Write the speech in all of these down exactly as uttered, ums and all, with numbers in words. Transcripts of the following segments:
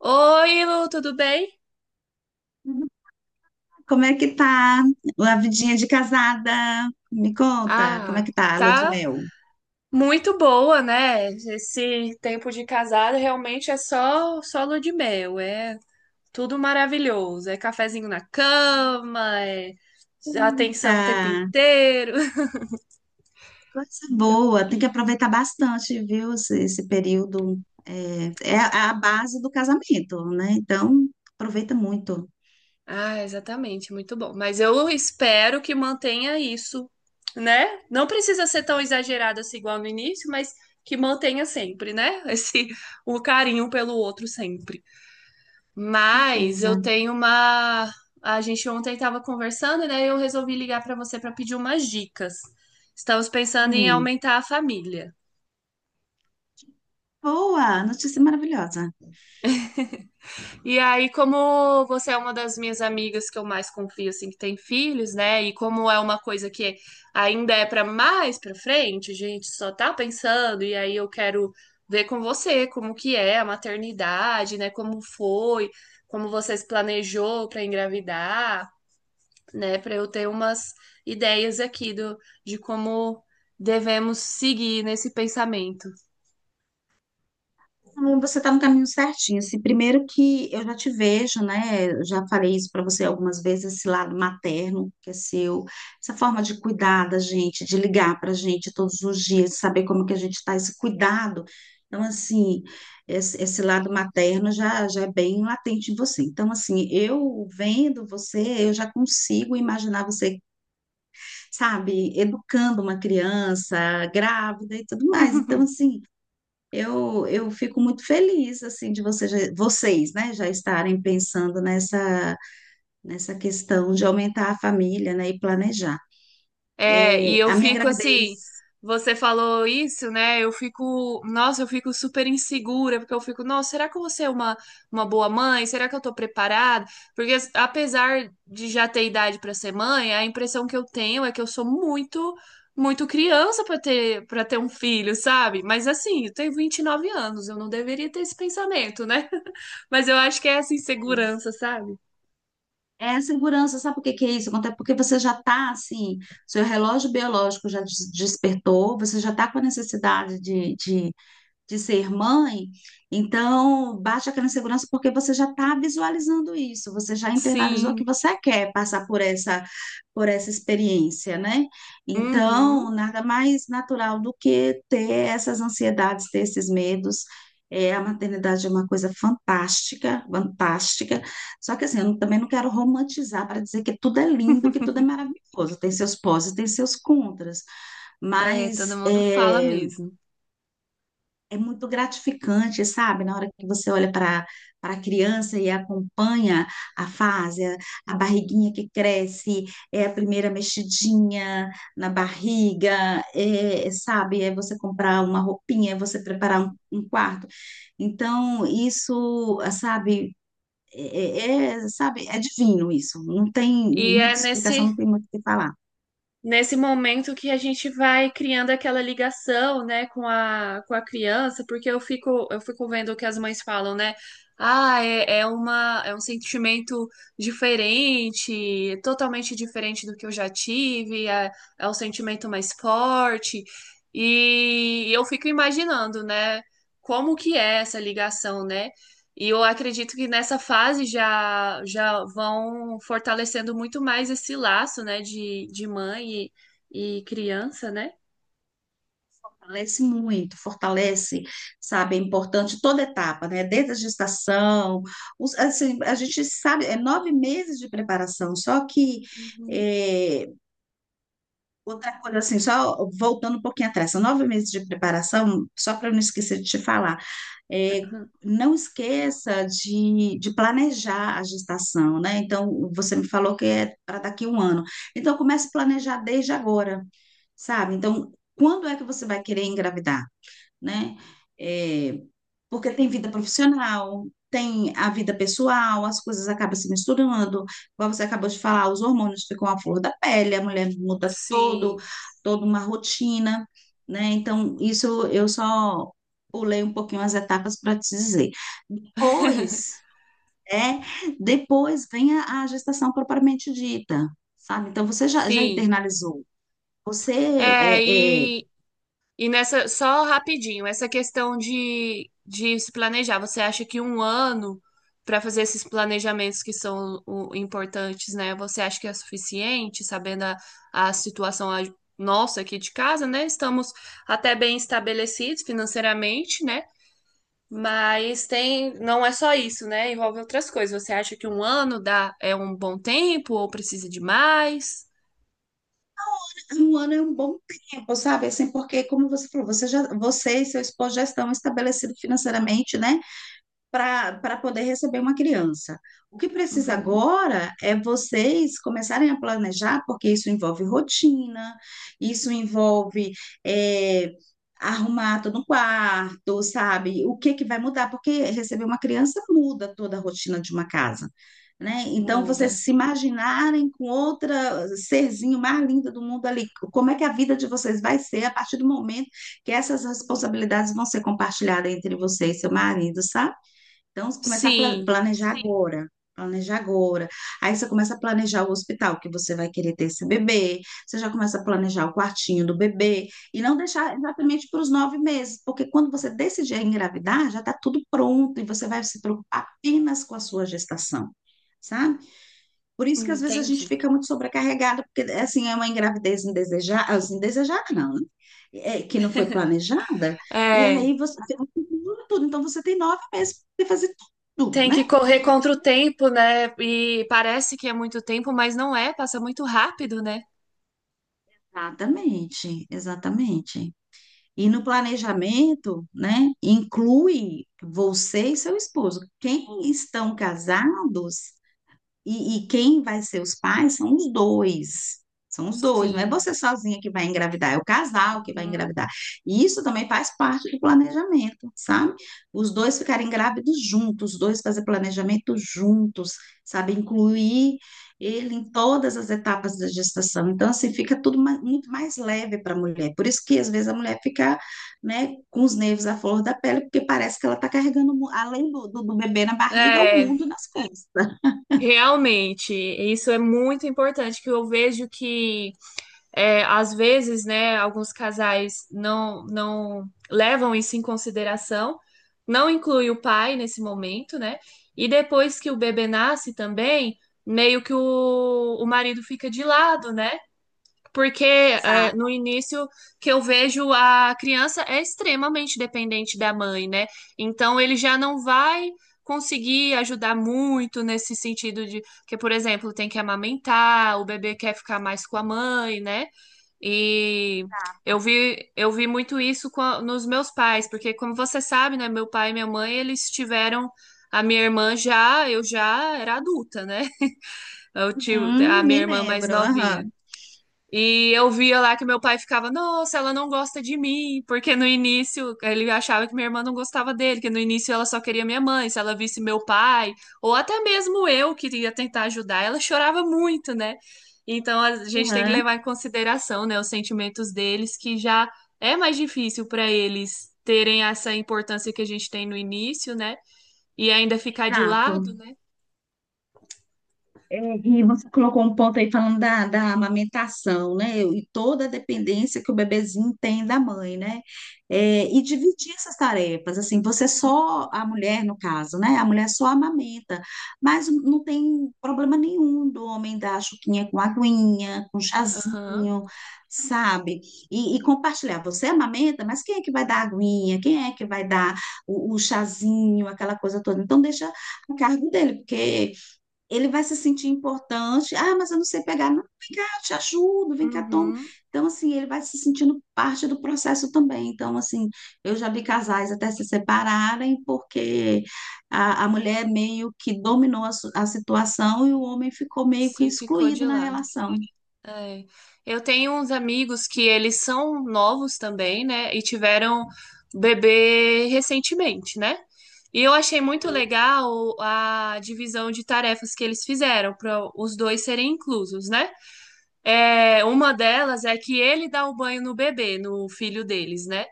Oi, Lu, tudo bem? Como é que tá a vidinha de casada? Me conta, como é Ah, que tá a lua de tá mel? muito boa, né? Esse tempo de casada realmente é só só lua de mel, é tudo maravilhoso, é cafezinho na cama, é Eita, atenção o tempo inteiro. coisa boa. Tem que aproveitar bastante, viu? Esse, esse período é, é a base do casamento, né? Então, aproveita muito. Ah, exatamente, muito bom. Mas eu espero que mantenha isso, né? Não precisa ser tão exagerado assim igual no início, mas que mantenha sempre, né? Esse o carinho pelo outro sempre. Com Mas eu certeza. tenho uma. A gente ontem estava conversando, né? Eu resolvi ligar para você para pedir umas dicas. Estamos pensando em Hum. aumentar a família. Boa, notícia maravilhosa. E aí, como você é uma das minhas amigas que eu mais confio, assim, que tem filhos, né? E como é uma coisa que ainda é para mais para frente, a gente só tá pensando. E aí eu quero ver com você como que é a maternidade, né? Como foi, como você se planejou para engravidar, né, para eu ter umas ideias aqui do, de como devemos seguir nesse pensamento. Não, você está no caminho certinho. Assim, primeiro que eu já te vejo, né? eu Já falei isso para você algumas vezes, esse lado materno que é seu, essa forma de cuidar da gente, de ligar para a gente todos os dias, saber como que a gente está, esse cuidado. Então, assim, esse, esse lado materno já, já é bem latente em você. Então, assim, eu vendo você, eu já consigo imaginar você, sabe, educando uma criança grávida e tudo mais. Então, assim. Eu, eu fico muito feliz assim de você, já- vocês, né, já estarem pensando nessa, nessa questão de aumentar a família, né, e planejar. É, e É, eu a minha fico assim, gravidez você falou isso, né? Eu fico, nossa, eu fico super insegura, porque eu fico, nossa, será que eu vou ser uma, uma boa mãe? Será que eu tô preparada? Porque as- apesar de já ter idade para ser mãe, a impressão que eu tenho é que eu sou muito, muito criança para ter, para ter um filho, sabe? Mas assim, eu tenho vinte e nove anos, eu não deveria ter esse pensamento, né? Mas eu acho que é essa insegurança, sabe? é a segurança, sabe por que que é isso? Acontece porque você já está assim, seu relógio biológico já des- despertou, você já está com a necessidade de de de ser mãe, então bate aquela insegurança porque você já está visualizando isso, você já internalizou que Sim. você quer passar por essa por essa experiência, né? Então, Uhum. nada mais natural do que ter essas ansiedades, ter esses medos. É, a maternidade é uma coisa fantástica, fantástica. Só que assim, eu não- também não quero romantizar para dizer que tudo é lindo, que tudo é maravilhoso. Tem seus pós e tem seus contras. É, todo Mas mundo fala é, mesmo. é muito gratificante, sabe? Na hora que você olha para para a criança e acompanha a fase, a, a barriguinha que cresce, é a primeira mexidinha na barriga, é, é, sabe? É você comprar uma roupinha, é você preparar um, um quarto. Então, isso, ah, sabe, é, é- é, sabe, é divino isso. Não tem E é muita explicação, nesse, não tem muito o que falar. nesse momento que a gente vai criando aquela ligação, né, com a, com a criança, porque eu fico, eu fico vendo o que as mães falam, né? Ah, é, é uma, é um sentimento diferente, totalmente diferente do que eu já tive, é, é um sentimento mais forte. E eu fico imaginando, né, como que é essa ligação, né? E eu acredito que nessa fase já, já vão fortalecendo muito mais esse laço, né, de, de mãe e, e criança, né? Fortalece muito, fortalece, sabe, é importante toda etapa, né? Desde a gestação, os- assim, a gente sabe, é nove meses de preparação, só que Uhum. é, outra coisa assim, só voltando um pouquinho atrás, são nove meses de preparação, só para eu não esquecer de te falar, é, não esqueça de, de planejar a gestação, né? Então, você me falou que é para daqui um ano. Então, comece a planejar desde agora, sabe? Então, quando é que você vai querer engravidar? Né? É, porque tem vida profissional, tem a vida pessoal, as coisas acabam se misturando. Como você acabou de falar, os hormônios ficam à flor da pele, a mulher muda todo, Sim, toda uma rotina, né? Então, isso eu só pulei um pouquinho as etapas para te dizer. Depois, é, depois vem a, a gestação propriamente dita, sabe? Então, você já, já sim. internalizou. Você É, é, é, e E nessa, só rapidinho, essa questão de, de se planejar, você acha que um ano para fazer esses planejamentos que são o- importantes, né? Você acha que é suficiente, sabendo a, a situação a- nossa aqui de casa, né? Estamos até bem estabelecidos financeiramente, né? Mas tem, não é só isso, né? Envolve outras coisas. Você acha que um ano dá, é um bom tempo ou precisa de mais? Um ano é um bom tempo, sabe? Assim, porque, como você falou, você já, você e seu esposo já estão estabelecidos financeiramente, né? Para poder receber uma criança. O que precisa Uhum, agora é vocês começarem a planejar, porque isso envolve rotina, isso envolve é, arrumar todo um quarto, sabe? O que que vai mudar? Porque receber uma criança muda toda a rotina de uma casa. Né? Então, vocês muda. se imaginarem com outra serzinho mais linda do mundo ali, como é que a vida de vocês vai ser a partir do momento que essas responsabilidades vão ser compartilhadas entre você e seu marido, sabe? Então, você começa a pla- Sim, planejar. Sim. Agora. Planejar agora. Aí você começa a planejar o hospital que você vai querer ter esse bebê. Você já começa a planejar o quartinho do bebê. E não deixar exatamente para os nove meses, porque quando você decidir engravidar, já está tudo pronto e você vai se preocupar apenas com a sua gestação, sabe? Por isso que às vezes a gente entendi. fica muito sobrecarregada, porque assim é uma engravidez indesejada, assim, não, né? É, que não foi planejada, e É. aí você tem tudo, então você tem nove meses para fazer tudo, Tem né? que correr contra o tempo, né? E parece que é muito tempo, mas não é, passa muito rápido, né? Exatamente, exatamente. E no planejamento, né, inclui você e seu esposo. Quem estão casados. E, e quem vai ser os pais são os dois. São os dois, não é Sim. você sozinha que vai engravidar, é o casal que vai Uhum. engravidar. E isso também faz parte do planejamento, sabe? Os dois ficarem grávidos juntos, os dois fazer planejamento juntos, sabe? Incluir ele em todas as etapas da gestação. Então, assim, fica tudo ma- muito mais leve para a mulher. Por isso que, às vezes, a mulher fica, né, com os nervos à flor da pele, porque parece que ela está carregando, mu- além do, do do bebê na barriga, o É, mundo nas costas. realmente, isso é muito importante, que eu vejo que é, às vezes, né, alguns casais não não levam isso em consideração, não inclui o pai nesse momento, né? E depois que o bebê nasce também, meio que o, o marido fica de lado, né? Porque é, Exato. no início que eu vejo a criança é extremamente dependente da mãe, né? Então ele já não vai conseguir ajudar muito nesse sentido de que, por exemplo, tem que amamentar, o bebê quer ficar mais com a mãe, né? E eu vi, eu vi muito isso com a- nos meus pais, porque como você sabe, né, meu pai e minha mãe, eles tiveram a minha irmã já, eu já era adulta, né? Eu tive a Hum, minha me irmã mais lembro. novinha. Aham, E eu via lá que meu pai ficava, nossa, ela não gosta de mim, porque no início ele achava que minha irmã não gostava dele, que no início ela só queria minha mãe, se ela visse meu pai, ou até mesmo eu que ia tentar ajudar, ela chorava muito, né? Então a gente tem que aham, levar em consideração, né, os sentimentos deles, que já é mais difícil para eles terem essa importância que a gente tem no início, né? E ainda ficar de exato. lado, né? É, E você colocou um ponto aí falando da, da amamentação, né? E toda a dependência que o bebezinho tem da mãe, né? É, e dividir essas tarefas, assim, você é só, a mulher no caso, né? A mulher só amamenta, mas não tem problema nenhum do homem dar a chuquinha com aguinha, com Aham. chazinho, sabe? E, e compartilhar, você amamenta, mas quem é que vai dar a aguinha? Quem é que vai dar o, o chazinho, aquela coisa toda? Então, deixa a cargo dele, porque ele vai se sentir importante. Ah, mas eu não sei pegar. Não, vem cá, eu te ajudo, vem cá, toma. Uhum. Então, assim, ele vai se sentindo parte do processo também. Então, assim, eu já vi casais até se separarem porque a, a mulher meio que dominou a, su- a situação e o homem ficou meio que Sim, ficou de excluído na lado. relação. É. Eu tenho uns amigos que eles são novos também, né? E tiveram bebê recentemente, né? E eu achei muito legal a divisão de tarefas que eles fizeram para os dois serem inclusos, né? É, uma delas é que ele dá o banho no bebê, no filho deles, né?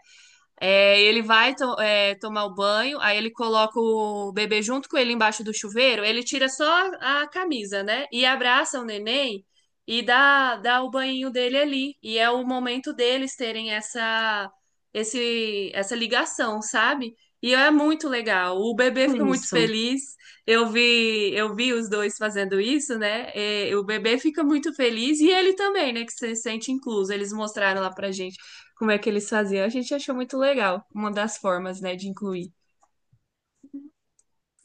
É, ele vai to- é, tomar o banho, aí ele coloca o bebê junto com ele embaixo do chuveiro, ele tira só a camisa, né? E abraça o neném e dá, dá o banhinho dele ali. E é o momento deles terem essa, esse, essa ligação, sabe? E é muito legal. O bebê fica muito Isso. feliz. Eu vi, eu vi os dois fazendo isso, né? É, o bebê fica muito feliz e ele também, né? Que se sente incluso. Eles mostraram lá pra gente como é que eles faziam. A gente achou muito legal, uma das formas, né, de incluir.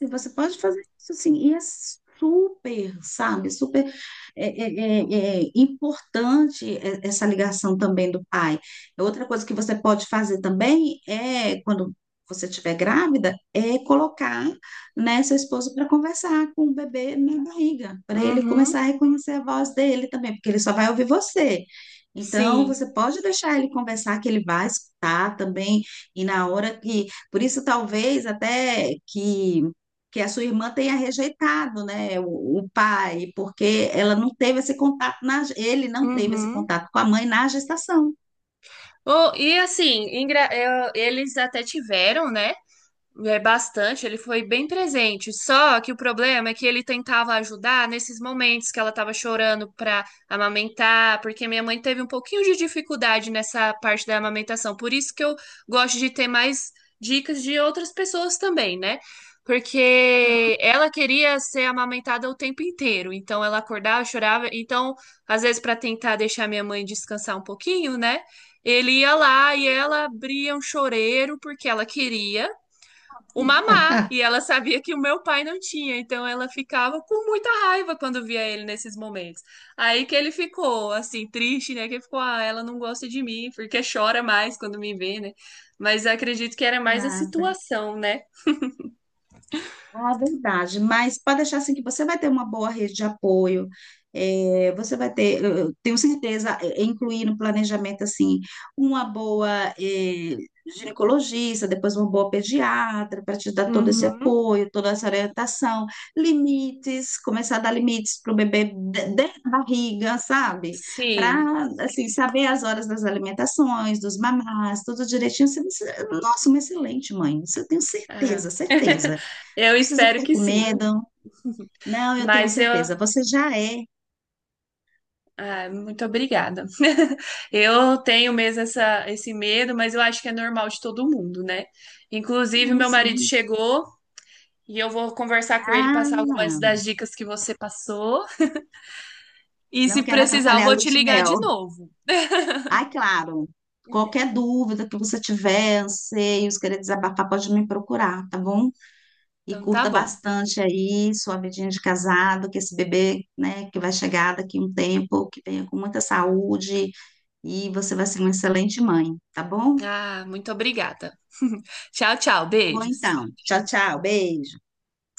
E você pode fazer isso assim e é super, sabe, super é, é, é, é importante é- essa ligação também do pai. Outra coisa que você pode fazer também é, quando você estiver grávida, é colocar, né, seu esposo para conversar com o bebê na barriga, para ele Uhum, começar a reconhecer a voz dele também, porque ele só vai ouvir você. Então, Sim. você pode deixar ele conversar, que ele vai escutar também, e na hora que. Por isso, talvez até que que a sua irmã tenha rejeitado, né, o, o pai, porque ela não teve esse contato na, ele não teve esse Uhum. contato com a mãe na gestação. Oh, e assim, engra- eu- eles até tiveram, né? É bastante, ele foi bem presente. Só que o problema é que ele tentava ajudar nesses momentos que ela estava chorando para amamentar, porque minha mãe teve um pouquinho de dificuldade nessa parte da amamentação. Por isso que eu gosto de ter mais dicas de outras pessoas também, né? Porque ela queria ser amamentada o tempo inteiro, então ela acordava, chorava. Então, às vezes, para tentar deixar minha mãe descansar um pouquinho, né? Ele ia lá e ela abria um choreiro porque ela queria o mamá, e ela sabia que o meu pai não tinha, então ela ficava com muita raiva quando via ele nesses momentos. Aí que ele ficou assim triste, né? Que ele ficou, ah, ela não gosta de mim, porque chora mais quando me vê, né? Mas eu acredito que era mais a Nada. situação, né? Ah, verdade, mas pode deixar assim que você vai ter uma boa rede de apoio, eh, você vai ter, eu eu tenho certeza, eh, eh, incluir no planejamento assim uma boa eh, ginecologista, depois uma boa pediatra para te dar todo esse Uhum. apoio, toda essa orientação, limites, começar a dar limites para o bebê de- dentro da barriga, sabe? Sim. Para assim saber as horas das alimentações, dos mamás, tudo direitinho. Você, você- nossa, uma excelente mãe, isso eu tenho Ah. certeza, certeza, Eu precisa espero ficar que com sim. medo. Não, eu tenho Mas eu, certeza. Você já é. ah, muito obrigada. Eu tenho mesmo essa, esse medo, mas eu acho que é normal de todo mundo, né? Inclusive, Sim, meu marido sim. chegou. E eu vou conversar com ele, Ah, passar algumas das dicas que você passou. E se não quero precisar, eu atrapalhar a vou lua te de ligar mel. de novo. Ah, claro. Qualquer dúvida que você tiver, anseios, querer desabafar, pode me procurar, tá bom? E Então tá curta bom. bastante aí sua vidinha de casado, que esse bebê, né, que vai chegar daqui um tempo, que venha com muita saúde e você vai ser uma excelente mãe, tá bom? Ah, muito obrigada. Tchau, tchau. Tá bom, Beijos. então. Tchau, tchau. Beijo.